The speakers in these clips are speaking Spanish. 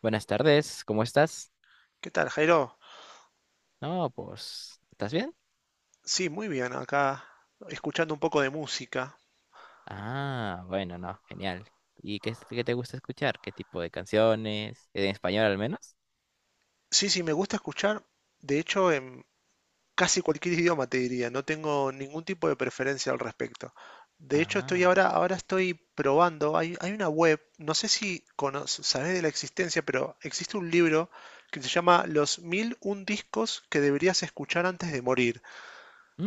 Buenas tardes, ¿cómo estás? ¿Qué tal, Jairo? No, pues, ¿estás bien? Sí, muy bien, acá escuchando un poco de música. Ah, bueno, no, genial. ¿Y qué, qué te gusta escuchar? ¿Qué tipo de canciones? ¿En español al menos? Sí, sí, me gusta escuchar, de hecho, en casi cualquier idioma te diría, no tengo ningún tipo de preferencia al respecto. De hecho, Ah, ahora estoy probando, hay una web, no sé si conoces, sabes de la existencia, pero existe un libro que se llama Los mil un discos que deberías escuchar antes de morir.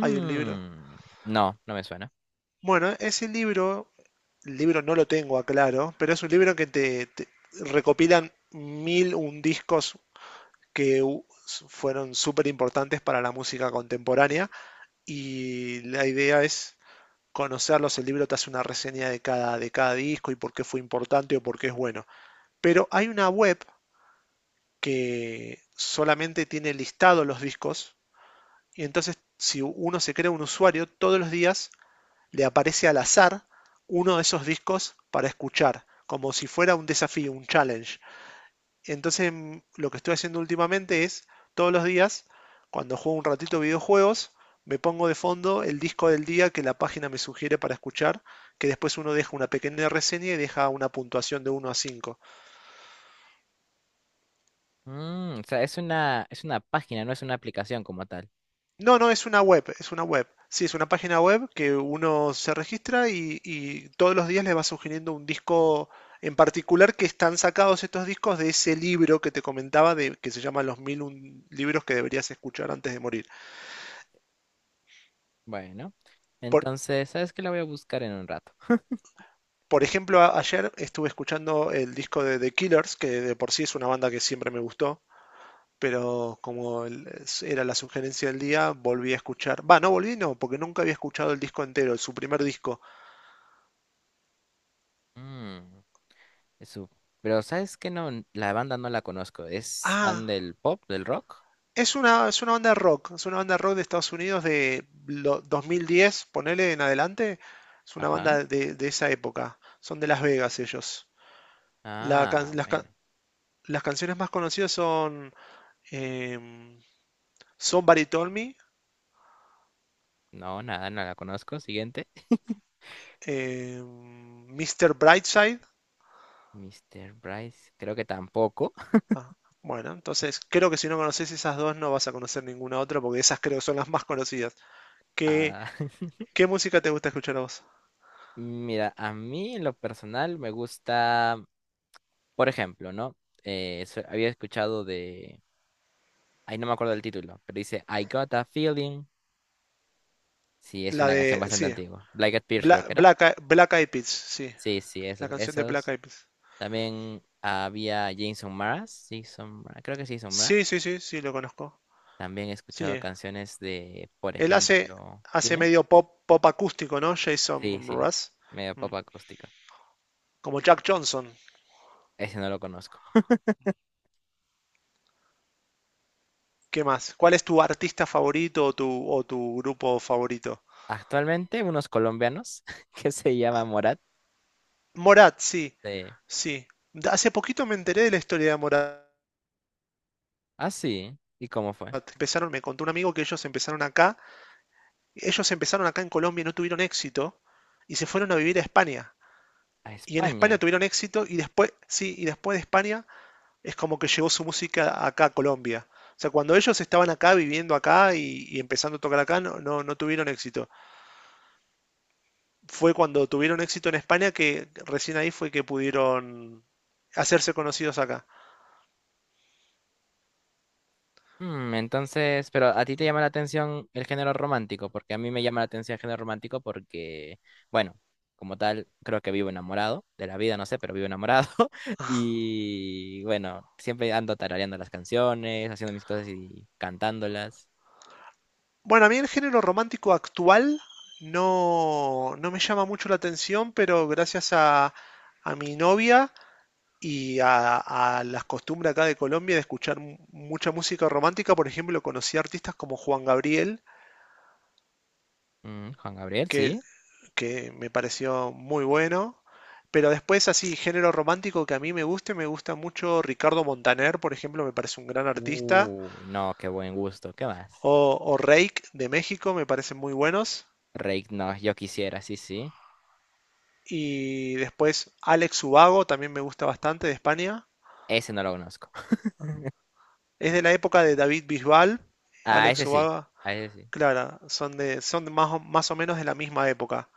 Hay un libro. no, no me suena. Bueno, ese libro el libro no lo tengo a claro, pero es un libro que te recopilan mil un discos que fueron súper importantes para la música contemporánea y la idea es conocerlos, el libro te hace una reseña de cada disco y por qué fue importante o por qué es bueno. Pero hay una web que solamente tiene listados los discos y entonces si uno se crea un usuario, todos los días le aparece al azar uno de esos discos para escuchar, como si fuera un desafío, un challenge. Entonces lo que estoy haciendo últimamente es, todos los días, cuando juego un ratito videojuegos, me pongo de fondo el disco del día que la página me sugiere para escuchar, que después uno deja una pequeña reseña y deja una puntuación de uno a cinco. Mm, o sea, es una página, no es una aplicación como tal. No, no, es una web, es una web. Sí, es una página web que uno se registra y todos los días le va sugiriendo un disco en particular que están sacados estos discos de ese libro que te comentaba que se llama Los mil un libros que deberías escuchar antes de morir. Bueno, Por, entonces, ¿sabes qué? La voy a buscar en un rato. por ejemplo, ayer estuve escuchando el disco de The Killers, que de por sí es una banda que siempre me gustó, pero como era la sugerencia del día, volví a escuchar. Va, no volví, no, porque nunca había escuchado el disco entero, su primer disco. Mm, eso. Pero ¿sabes qué? No, la banda no la conozco. ¿Es fan Ah, del pop, del rock? es una banda rock, de Estados Unidos de 2010, ponele en adelante. Es una Ajá. banda de esa época. Son de Las Vegas ellos. La Ah, can- las, ca- bueno. las canciones más conocidas son em, Somebody Told Me, No, nada, no la conozco. Siguiente. Mr. Brightside. Mister Bryce, creo que tampoco. Ah, bueno, entonces creo que si no conoces esas dos no vas a conocer ninguna otra porque esas creo son las más conocidas. ¿Qué, Ah, qué música te gusta escuchar a vos? mira, a mí en lo personal me gusta, por ejemplo, ¿no? Había escuchado de, ahí no me acuerdo del título, pero dice I Got a Feeling. Sí, es La una canción de, bastante sí, antigua. Black Eyed Peas creo que era. Black Eyed Peas, sí. Sí, sí, La esos, canción de Black esos. Eyed Peas. También había Jason Mraz, sí, son, Mraz, creo que sí, son Sí, Mraz. sí, sí, sí, lo conozco. También he escuchado Sí. canciones de, por Él hace, ejemplo, hace dime. medio pop acústico, ¿no? Sí, Jason sí, Mraz. medio Mm. pop acústico. Como Jack Johnson. Ese no lo conozco. ¿Qué más? ¿Cuál es tu artista favorito o o tu grupo favorito? Actualmente, unos colombianos que se llama Morat. Morat, sí. De... Sí. Hace poquito me enteré de la historia de Morat. Ah, sí. ¿Y cómo fue? Empezaron, me contó un amigo que ellos empezaron acá. Ellos empezaron acá en Colombia y no tuvieron éxito. Y se fueron a vivir a España. A Y en España España. tuvieron éxito. Y después, sí, y después de España es como que llegó su música acá a Colombia. O sea, cuando ellos estaban acá, viviendo acá y empezando a tocar acá, no, no, no tuvieron éxito. Fue cuando tuvieron éxito en España que recién ahí fue que pudieron hacerse conocidos acá. Mm, entonces, pero a ti te llama la atención el género romántico, porque a mí me llama la atención el género romántico porque, bueno, como tal, creo que vivo enamorado de la vida, no sé, pero vivo enamorado. Y bueno, siempre ando tarareando las canciones, haciendo mis cosas y cantándolas. Bueno, a mí el género romántico actual no me llama mucho la atención, pero gracias a mi novia y a las costumbres acá de Colombia de escuchar mucha música romántica, por ejemplo, conocí a artistas como Juan Gabriel, Mm, Juan Gabriel, que sí. que me pareció muy bueno. Pero después así, género romántico que a mí me guste, me gusta mucho Ricardo Montaner, por ejemplo, me parece un gran artista. Uy, no, qué buen gusto. ¿Qué más? O Reik de México, me parecen muy buenos. Rake, no, yo quisiera, sí, sí. Y después Alex Ubago, también me gusta bastante, de España. Ese no lo conozco. Es de la época de David Bisbal, Ah, Alex ese sí, Ubago, a ese sí. Clara, son más o menos de la misma época.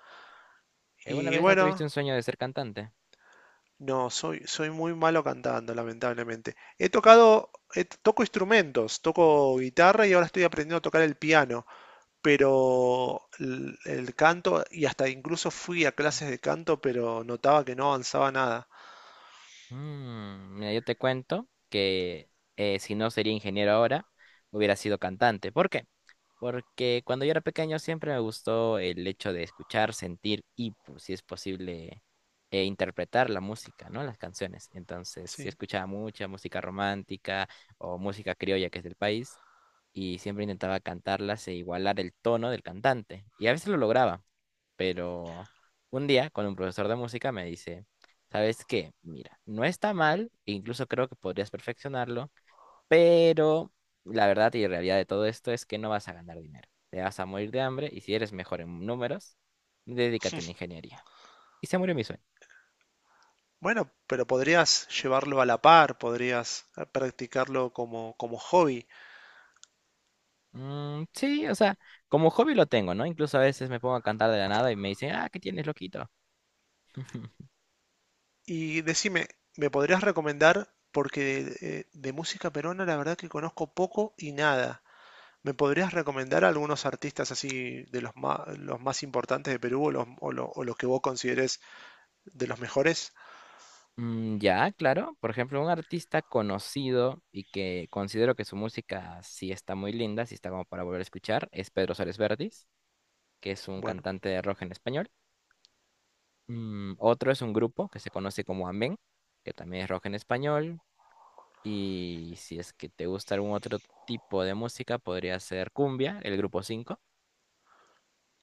¿Alguna Y vez no tuviste bueno, un sueño de ser cantante? no, soy muy malo cantando, lamentablemente. He tocado, toco instrumentos, toco guitarra y ahora estoy aprendiendo a tocar el piano, pero el canto, y hasta incluso fui a clases de canto, pero notaba que no avanzaba nada. Mm, mira, yo te cuento que si no sería ingeniero ahora, hubiera sido cantante. ¿Por qué? Porque cuando yo era pequeño siempre me gustó el hecho de escuchar, sentir y, pues, si es posible, interpretar la música, ¿no? Las canciones. Entonces, yo Sí. escuchaba mucha música romántica o música criolla que es del país. Y siempre intentaba cantarlas e igualar el tono del cantante. Y a veces lo lograba, pero un día con un profesor de música me dice, ¿sabes qué? Mira, no está mal, e incluso creo que podrías perfeccionarlo, pero la verdad y realidad de todo esto es que no vas a ganar dinero. Te vas a morir de hambre y si eres mejor en números, dedícate a una ingeniería. Y se murió mi sueño. Bueno, pero podrías llevarlo a la par, podrías practicarlo como hobby. Mm, sí, o sea, como hobby lo tengo, ¿no? Incluso a veces me pongo a cantar de la nada y me dicen, ah, ¿qué tienes, loquito? Y decime, ¿me podrías recomendar? Porque de música peruana la verdad que conozco poco y nada. ¿Me podrías recomendar algunos artistas así de los más importantes de Perú o o los que vos consideres de los mejores? Mm, ya, claro. Por ejemplo, un artista conocido y que considero que su música sí está muy linda, sí está como para volver a escuchar, es Pedro Suárez Verdis, que es un Bueno, cantante de rock en español. Mm, otro es un grupo que se conoce como Amén, que también es rock en español. Y si es que te gusta algún otro tipo de música, podría ser Cumbia, el grupo cinco.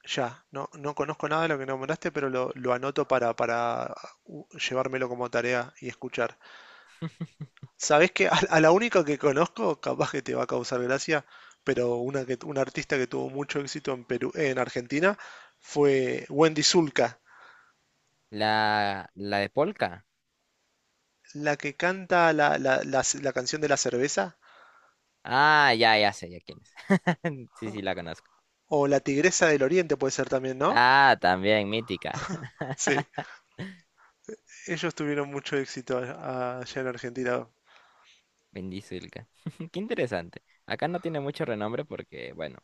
ya, no conozco nada de lo que nombraste, pero lo anoto para llevármelo como tarea y escuchar. ¿Sabés que a la única que conozco, capaz que te va a causar gracia, pero una artista que tuvo mucho éxito en Perú, en Argentina, fue Wendy Zulka, La de Polka. la que canta la canción de la cerveza, Ah, ya, ya sé, ya quién es. Sí, sí, la conozco. o La Tigresa del Oriente puede ser también, ¿no? Ah, también, mítica. Sí, ellos tuvieron mucho éxito allá en Argentina. Bendizulca. Qué interesante. Acá no tiene mucho renombre porque, bueno,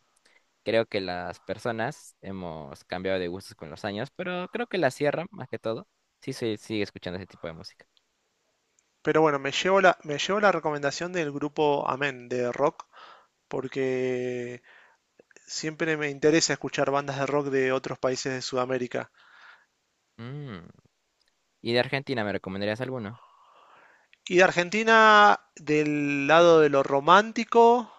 creo que las personas hemos cambiado de gustos con los años, pero creo que la sierra, más que todo, sí se sigue escuchando ese tipo de música. Pero bueno, me llevo la recomendación del grupo Amén de rock, porque siempre me interesa escuchar bandas de rock de otros países de Sudamérica. Mm. ¿Y de Argentina me recomendarías alguno? Y de Argentina, del lado de lo romántico,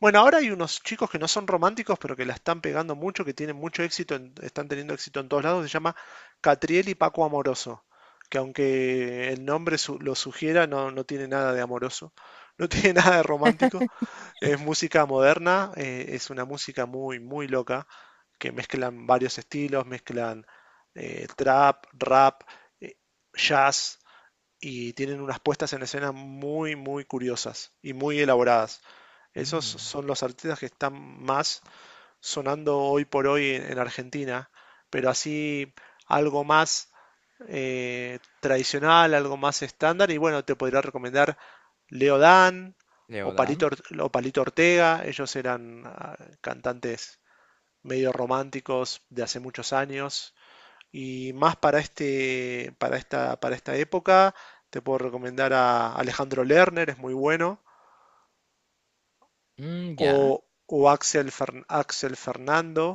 bueno, ahora hay unos chicos que no son románticos, pero que la están pegando mucho, que tienen mucho éxito, están teniendo éxito en todos lados. Se llama Catriel y Paco Amoroso, que aunque el nombre lo sugiera, no tiene nada de amoroso, no tiene nada de romántico. Es música moderna, es una música muy, muy loca, que mezclan varios estilos, mezclan trap, rap, eh, jazz, y tienen unas puestas en escena muy, muy curiosas y muy elaboradas. Esos Mm. son los artistas que están más sonando hoy por hoy en Argentina, pero así algo más tradicional, algo más estándar, y bueno, te podría recomendar Leo Dan o Leodán. O Palito Ortega, ellos eran cantantes medio románticos de hace muchos años, y más para para esta época, te puedo recomendar a Alejandro Lerner, es muy bueno. Mm, o, ya. o Axel, Axel Fernando.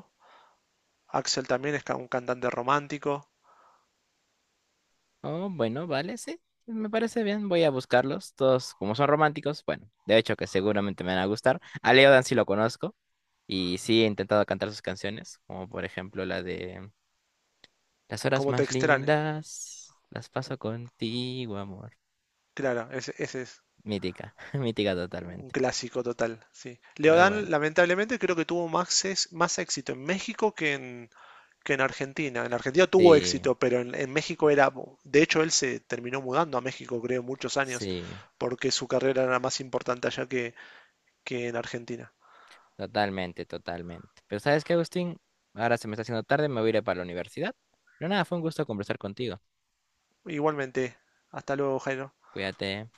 Axel también es un cantante romántico. Oh, bueno, vale, sí. Me parece bien. Voy a buscarlos. Todos, como son románticos, bueno, de hecho que seguramente me van a gustar. A Leodán sí lo conozco. Y sí he intentado cantar sus canciones, como por ejemplo la de Las horas Como te más extraña. lindas las paso contigo, amor. Claro, ese es Mítica, mítica un totalmente. clásico total. Sí. Pero bueno, Leodán, lamentablemente, creo que tuvo más éxito en México que en Argentina. En Argentina tuvo sí, éxito, pero en México era. De hecho, él se terminó mudando a México, creo, muchos años, sí, porque su carrera era más importante allá que en Argentina. totalmente, totalmente. Pero ¿sabes qué, Agustín? Ahora se me está haciendo tarde, me voy a ir para la universidad. Pero nada, fue un gusto conversar contigo. Igualmente, hasta luego, Jairo. Cuídate.